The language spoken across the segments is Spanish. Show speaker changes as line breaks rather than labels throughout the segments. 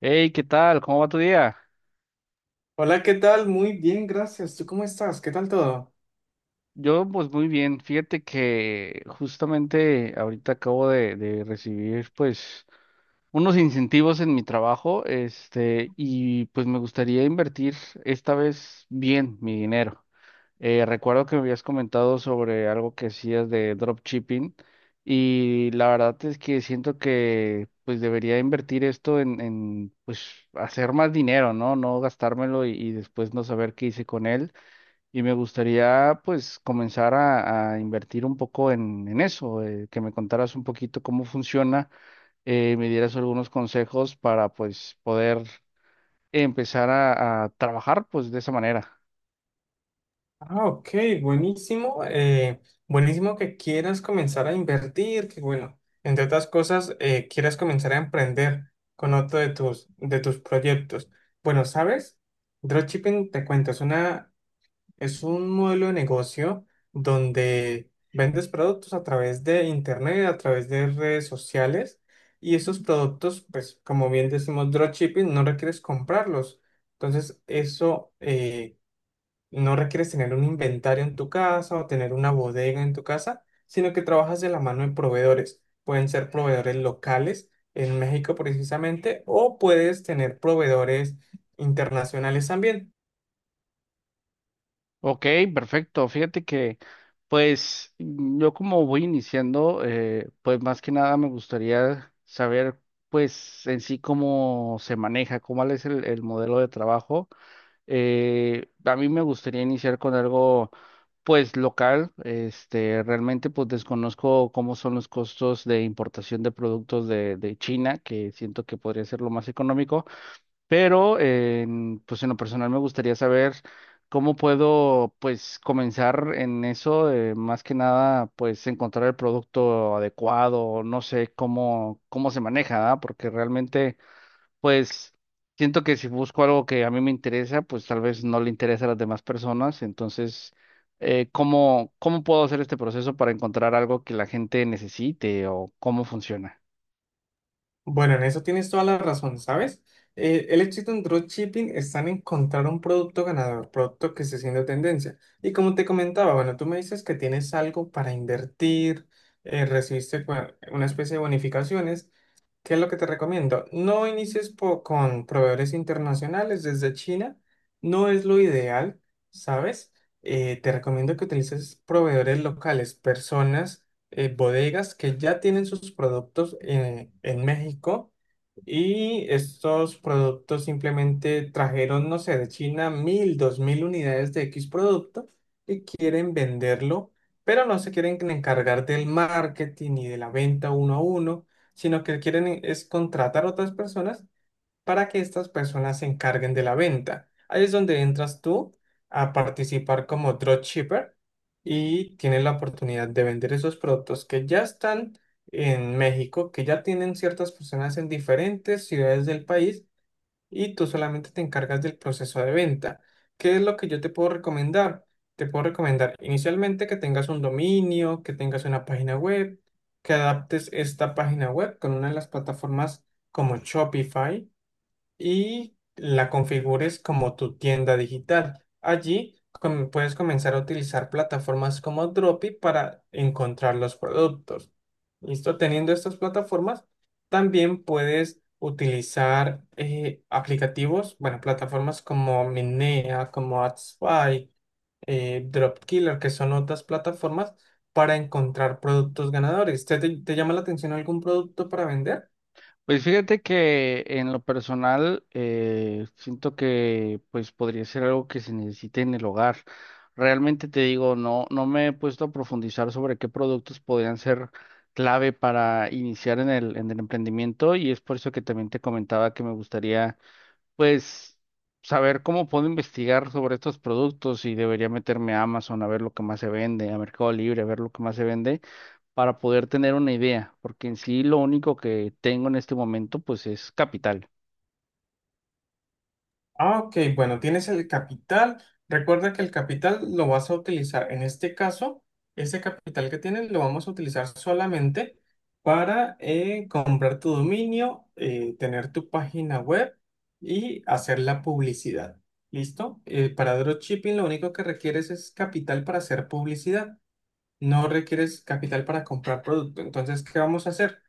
Hey, ¿qué tal? ¿Cómo va tu día?
Hola, ¿qué tal? Muy bien, gracias. ¿Tú cómo estás? ¿Qué tal todo?
Yo, pues muy bien. Fíjate que justamente ahorita acabo de recibir, pues, unos incentivos en mi trabajo, este, y pues me gustaría invertir esta vez bien mi dinero. Recuerdo que me habías comentado sobre algo que hacías de dropshipping y la verdad es que siento que, pues, debería invertir esto en pues, hacer más dinero, ¿no? No gastármelo y después no saber qué hice con él. Y me gustaría pues comenzar a invertir un poco en eso, que me contaras un poquito cómo funciona, me dieras algunos consejos para pues poder empezar a trabajar pues de esa manera.
Ah, ok, buenísimo. Buenísimo que quieras comenzar a invertir, que bueno, entre otras cosas, quieras comenzar a emprender con otro de tus proyectos. Bueno, ¿sabes? Dropshipping, te cuento, es un modelo de negocio donde vendes productos a través de internet, a través de redes sociales, y esos productos, pues como bien decimos, dropshipping, no requieres comprarlos. Entonces, eso no requieres tener un inventario en tu casa o tener una bodega en tu casa, sino que trabajas de la mano de proveedores. Pueden ser proveedores locales en México precisamente, o puedes tener proveedores internacionales también.
Ok, perfecto. Fíjate que pues yo como voy iniciando, pues más que nada me gustaría saber pues en sí cómo se maneja, cómo es el modelo de trabajo. A mí me gustaría iniciar con algo, pues, local. Este, realmente, pues, desconozco cómo son los costos de importación de productos de China, que siento que podría ser lo más económico. Pero, en, pues, en lo personal me gustaría saber cómo puedo, pues, comenzar en eso. Más que nada, pues, encontrar el producto adecuado. No sé cómo, cómo se maneja, ¿ah? Porque realmente pues siento que si busco algo que a mí me interesa, pues tal vez no le interesa a las demás personas. Entonces, ¿cómo, cómo puedo hacer este proceso para encontrar algo que la gente necesite o cómo funciona?
Bueno, en eso tienes toda la razón, ¿sabes? El éxito en dropshipping está en encontrar un producto ganador, producto que esté siendo tendencia. Y como te comentaba, bueno, tú me dices que tienes algo para invertir, recibiste una especie de bonificaciones. ¿Qué es lo que te recomiendo? No inicies con proveedores internacionales desde China, no es lo ideal, ¿sabes? Te recomiendo que utilices proveedores locales, personas bodegas que ya tienen sus productos en México, y estos productos simplemente trajeron, no sé, de China 1,000, 2,000 unidades de X producto, y quieren venderlo, pero no se quieren encargar del marketing ni de la venta uno a uno, sino que quieren es contratar otras personas para que estas personas se encarguen de la venta. Ahí es donde entras tú a participar como dropshipper y tienes la oportunidad de vender esos productos que ya están en México, que ya tienen ciertas personas en diferentes ciudades del país, y tú solamente te encargas del proceso de venta. ¿Qué es lo que yo te puedo recomendar? Te puedo recomendar inicialmente que tengas un dominio, que tengas una página web, que adaptes esta página web con una de las plataformas como Shopify, y la configures como tu tienda digital. Allí puedes comenzar a utilizar plataformas como Dropi para encontrar los productos. ¿Listo? Teniendo estas plataformas, también puedes utilizar aplicativos, bueno, plataformas como Minea, como AdSpy, Dropkiller, que son otras plataformas para encontrar productos ganadores. ¿Te llama la atención algún producto para vender?
Pues fíjate que en lo personal siento que pues podría ser algo que se necesite en el hogar. Realmente te digo, no, no me he puesto a profundizar sobre qué productos podrían ser clave para iniciar en el emprendimiento y es por eso que también te comentaba que me gustaría pues saber cómo puedo investigar sobre estos productos y debería meterme a Amazon a ver lo que más se vende, a Mercado Libre a ver lo que más se vende para poder tener una idea, porque en sí lo único que tengo en este momento pues es capital.
Ah, ok, bueno, tienes el capital. Recuerda que el capital lo vas a utilizar, en este caso, ese capital que tienes lo vamos a utilizar solamente para comprar tu dominio, tener tu página web y hacer la publicidad. ¿Listo? Para dropshipping lo único que requieres es capital para hacer publicidad, no requieres capital para comprar producto. Entonces, ¿qué vamos a hacer?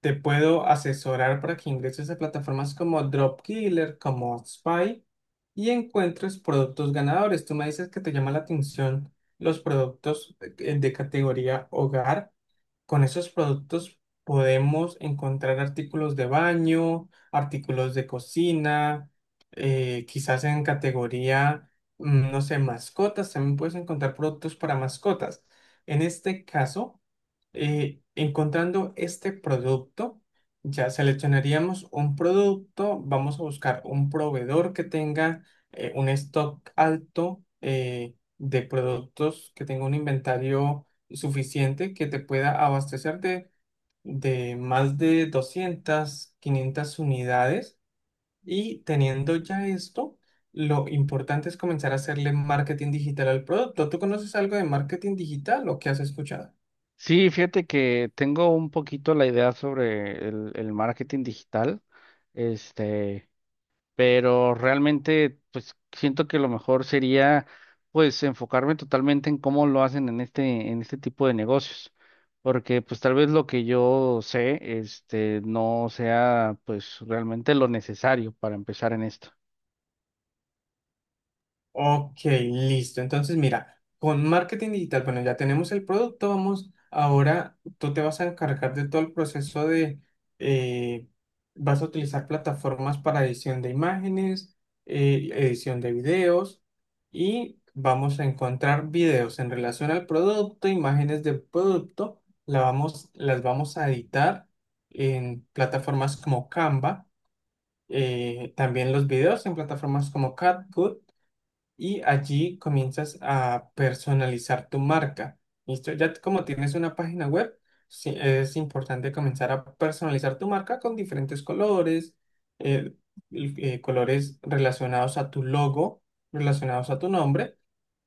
Te puedo asesorar para que ingreses a plataformas como Dropkiller, como Spy, y encuentres productos ganadores. Tú me dices que te llama la atención los productos de categoría hogar. Con esos productos podemos encontrar artículos de baño, artículos de cocina, quizás en categoría, no sé, mascotas. También puedes encontrar productos para mascotas. En este caso, encontrando este producto, ya seleccionaríamos un producto, vamos a buscar un proveedor que tenga un stock alto de productos, que tenga un inventario suficiente que te pueda abastecer de más de 200 500 unidades. Y teniendo ya esto, lo importante es comenzar a hacerle marketing digital al producto. ¿Tú conoces algo de marketing digital o qué has escuchado?
Sí, fíjate que tengo un poquito la idea sobre el marketing digital. Este, pero realmente pues siento que lo mejor sería pues enfocarme totalmente en cómo lo hacen en este tipo de negocios, porque pues tal vez lo que yo sé este no sea pues realmente lo necesario para empezar en esto.
Ok, listo. Entonces, mira, con marketing digital, bueno, ya tenemos el producto, vamos, ahora tú te vas a encargar de todo el proceso eh, vas a utilizar plataformas para edición de imágenes, edición de videos, y vamos a encontrar videos en relación al producto, imágenes del producto, las vamos a editar en plataformas como Canva, también los videos en plataformas como CapCut, y allí comienzas a personalizar tu marca. ¿Listo? Ya como tienes una página web, sí, es importante comenzar a personalizar tu marca con diferentes colores, eh, colores relacionados a tu logo, relacionados a tu nombre,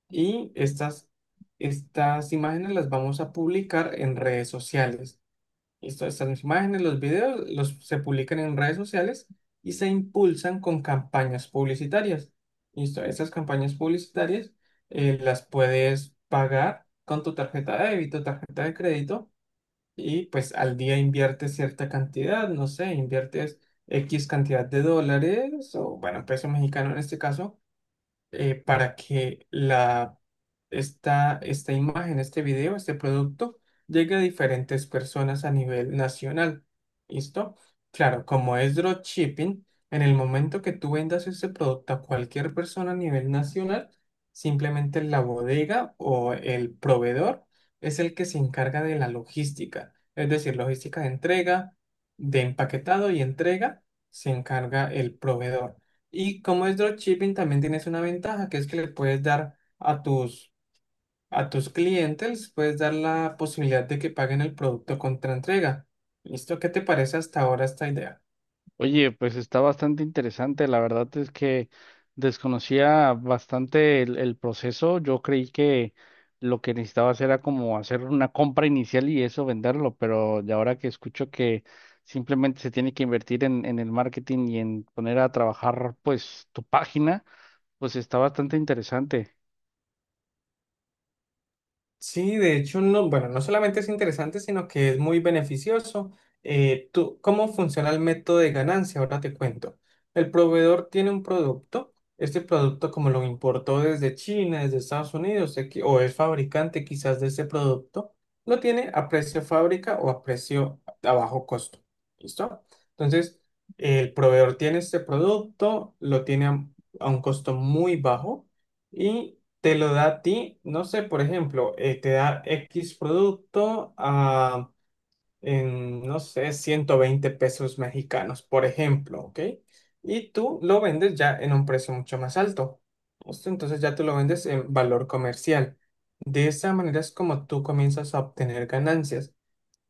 y estas imágenes las vamos a publicar en redes sociales. Estas imágenes, los videos, se publican en redes sociales y se impulsan con campañas publicitarias. Listo, estas campañas publicitarias las puedes pagar con tu tarjeta de débito, tarjeta de crédito, y pues al día inviertes cierta cantidad, no sé, inviertes X cantidad de dólares, o bueno, peso mexicano en este caso, para que la, esta imagen, este video, este producto llegue a diferentes personas a nivel nacional. ¿Listo? Claro, como es dropshipping, en el momento que tú vendas ese producto a cualquier persona a nivel nacional, simplemente la bodega o el proveedor es el que se encarga de la logística, es decir, logística de entrega, de empaquetado y entrega, se encarga el proveedor. Y como es dropshipping, también tienes una ventaja, que es que le puedes dar a tus clientes, puedes dar la posibilidad de que paguen el producto contra entrega. ¿Listo? ¿Qué te parece hasta ahora esta idea?
Oye, pues está bastante interesante. La verdad es que desconocía bastante el proceso. Yo creí que lo que necesitabas era como hacer una compra inicial y eso venderlo, pero de ahora que escucho que simplemente se tiene que invertir en el marketing y en poner a trabajar pues tu página, pues está bastante interesante.
Sí, de hecho, no, bueno, no solamente es interesante, sino que es muy beneficioso. Tú, ¿cómo funciona el método de ganancia? Ahora te cuento. El proveedor tiene un producto. Este producto, como lo importó desde China, desde Estados Unidos, o es fabricante quizás de ese producto, lo tiene a precio fábrica o a precio a bajo costo. ¿Listo? Entonces, el proveedor tiene este producto, lo tiene a un costo muy bajo, te lo da a ti, no sé, por ejemplo, te da X producto no sé, 120 pesos mexicanos, por ejemplo, ¿ok? Y tú lo vendes ya en un precio mucho más alto. ¿Listo? Entonces ya tú lo vendes en valor comercial. De esa manera es como tú comienzas a obtener ganancias.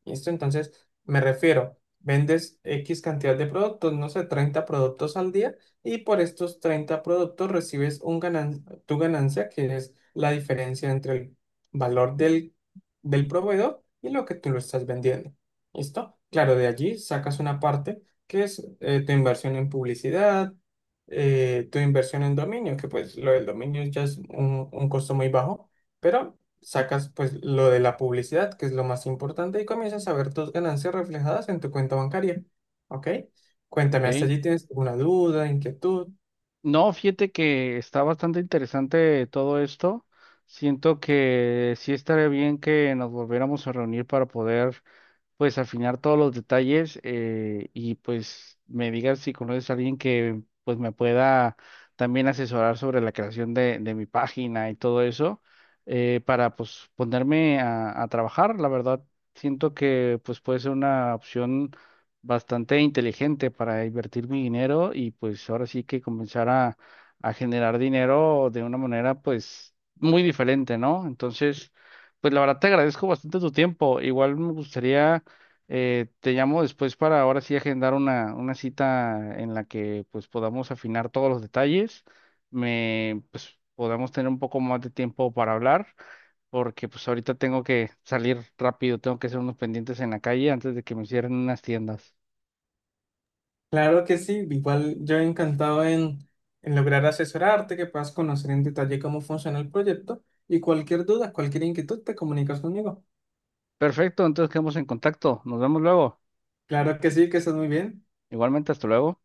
¿Listo? Entonces, me refiero, vendes X cantidad de productos, no sé, 30 productos al día, y por estos 30 productos recibes tu ganancia, que es la diferencia entre el valor del proveedor y lo que tú lo estás vendiendo. ¿Listo? Claro, de allí sacas una parte que es tu inversión en publicidad, tu inversión en dominio, que pues lo del dominio ya es un costo muy bajo, pero sacas pues lo de la publicidad, que es lo más importante, y comienzas a ver tus ganancias reflejadas en tu cuenta bancaria. ¿Ok? Cuéntame, ¿hasta
Ok.
allí tienes alguna duda, inquietud?
No, fíjate que está bastante interesante todo esto. Siento que sí estaría bien que nos volviéramos a reunir para poder pues afinar todos los detalles y pues me digas si conoces a alguien que pues me pueda también asesorar sobre la creación de mi página y todo eso para pues ponerme a trabajar. La verdad, siento que pues puede ser una opción bastante inteligente para invertir mi dinero y pues ahora sí que comenzar a generar dinero de una manera pues muy diferente, ¿no? Entonces, pues la verdad te agradezco bastante tu tiempo. Igual me gustaría te llamo después para ahora sí agendar una cita en la que pues podamos afinar todos los detalles, me pues podamos tener un poco más de tiempo para hablar, porque pues ahorita tengo que salir rápido, tengo que hacer unos pendientes en la calle antes de que me cierren unas tiendas.
Claro que sí, igual yo encantado en, lograr asesorarte, que puedas conocer en detalle cómo funciona el proyecto, y cualquier duda, cualquier inquietud, te comunicas conmigo.
Perfecto, entonces quedamos en contacto, nos vemos luego.
Claro que sí, que estás muy bien.
Igualmente, hasta luego.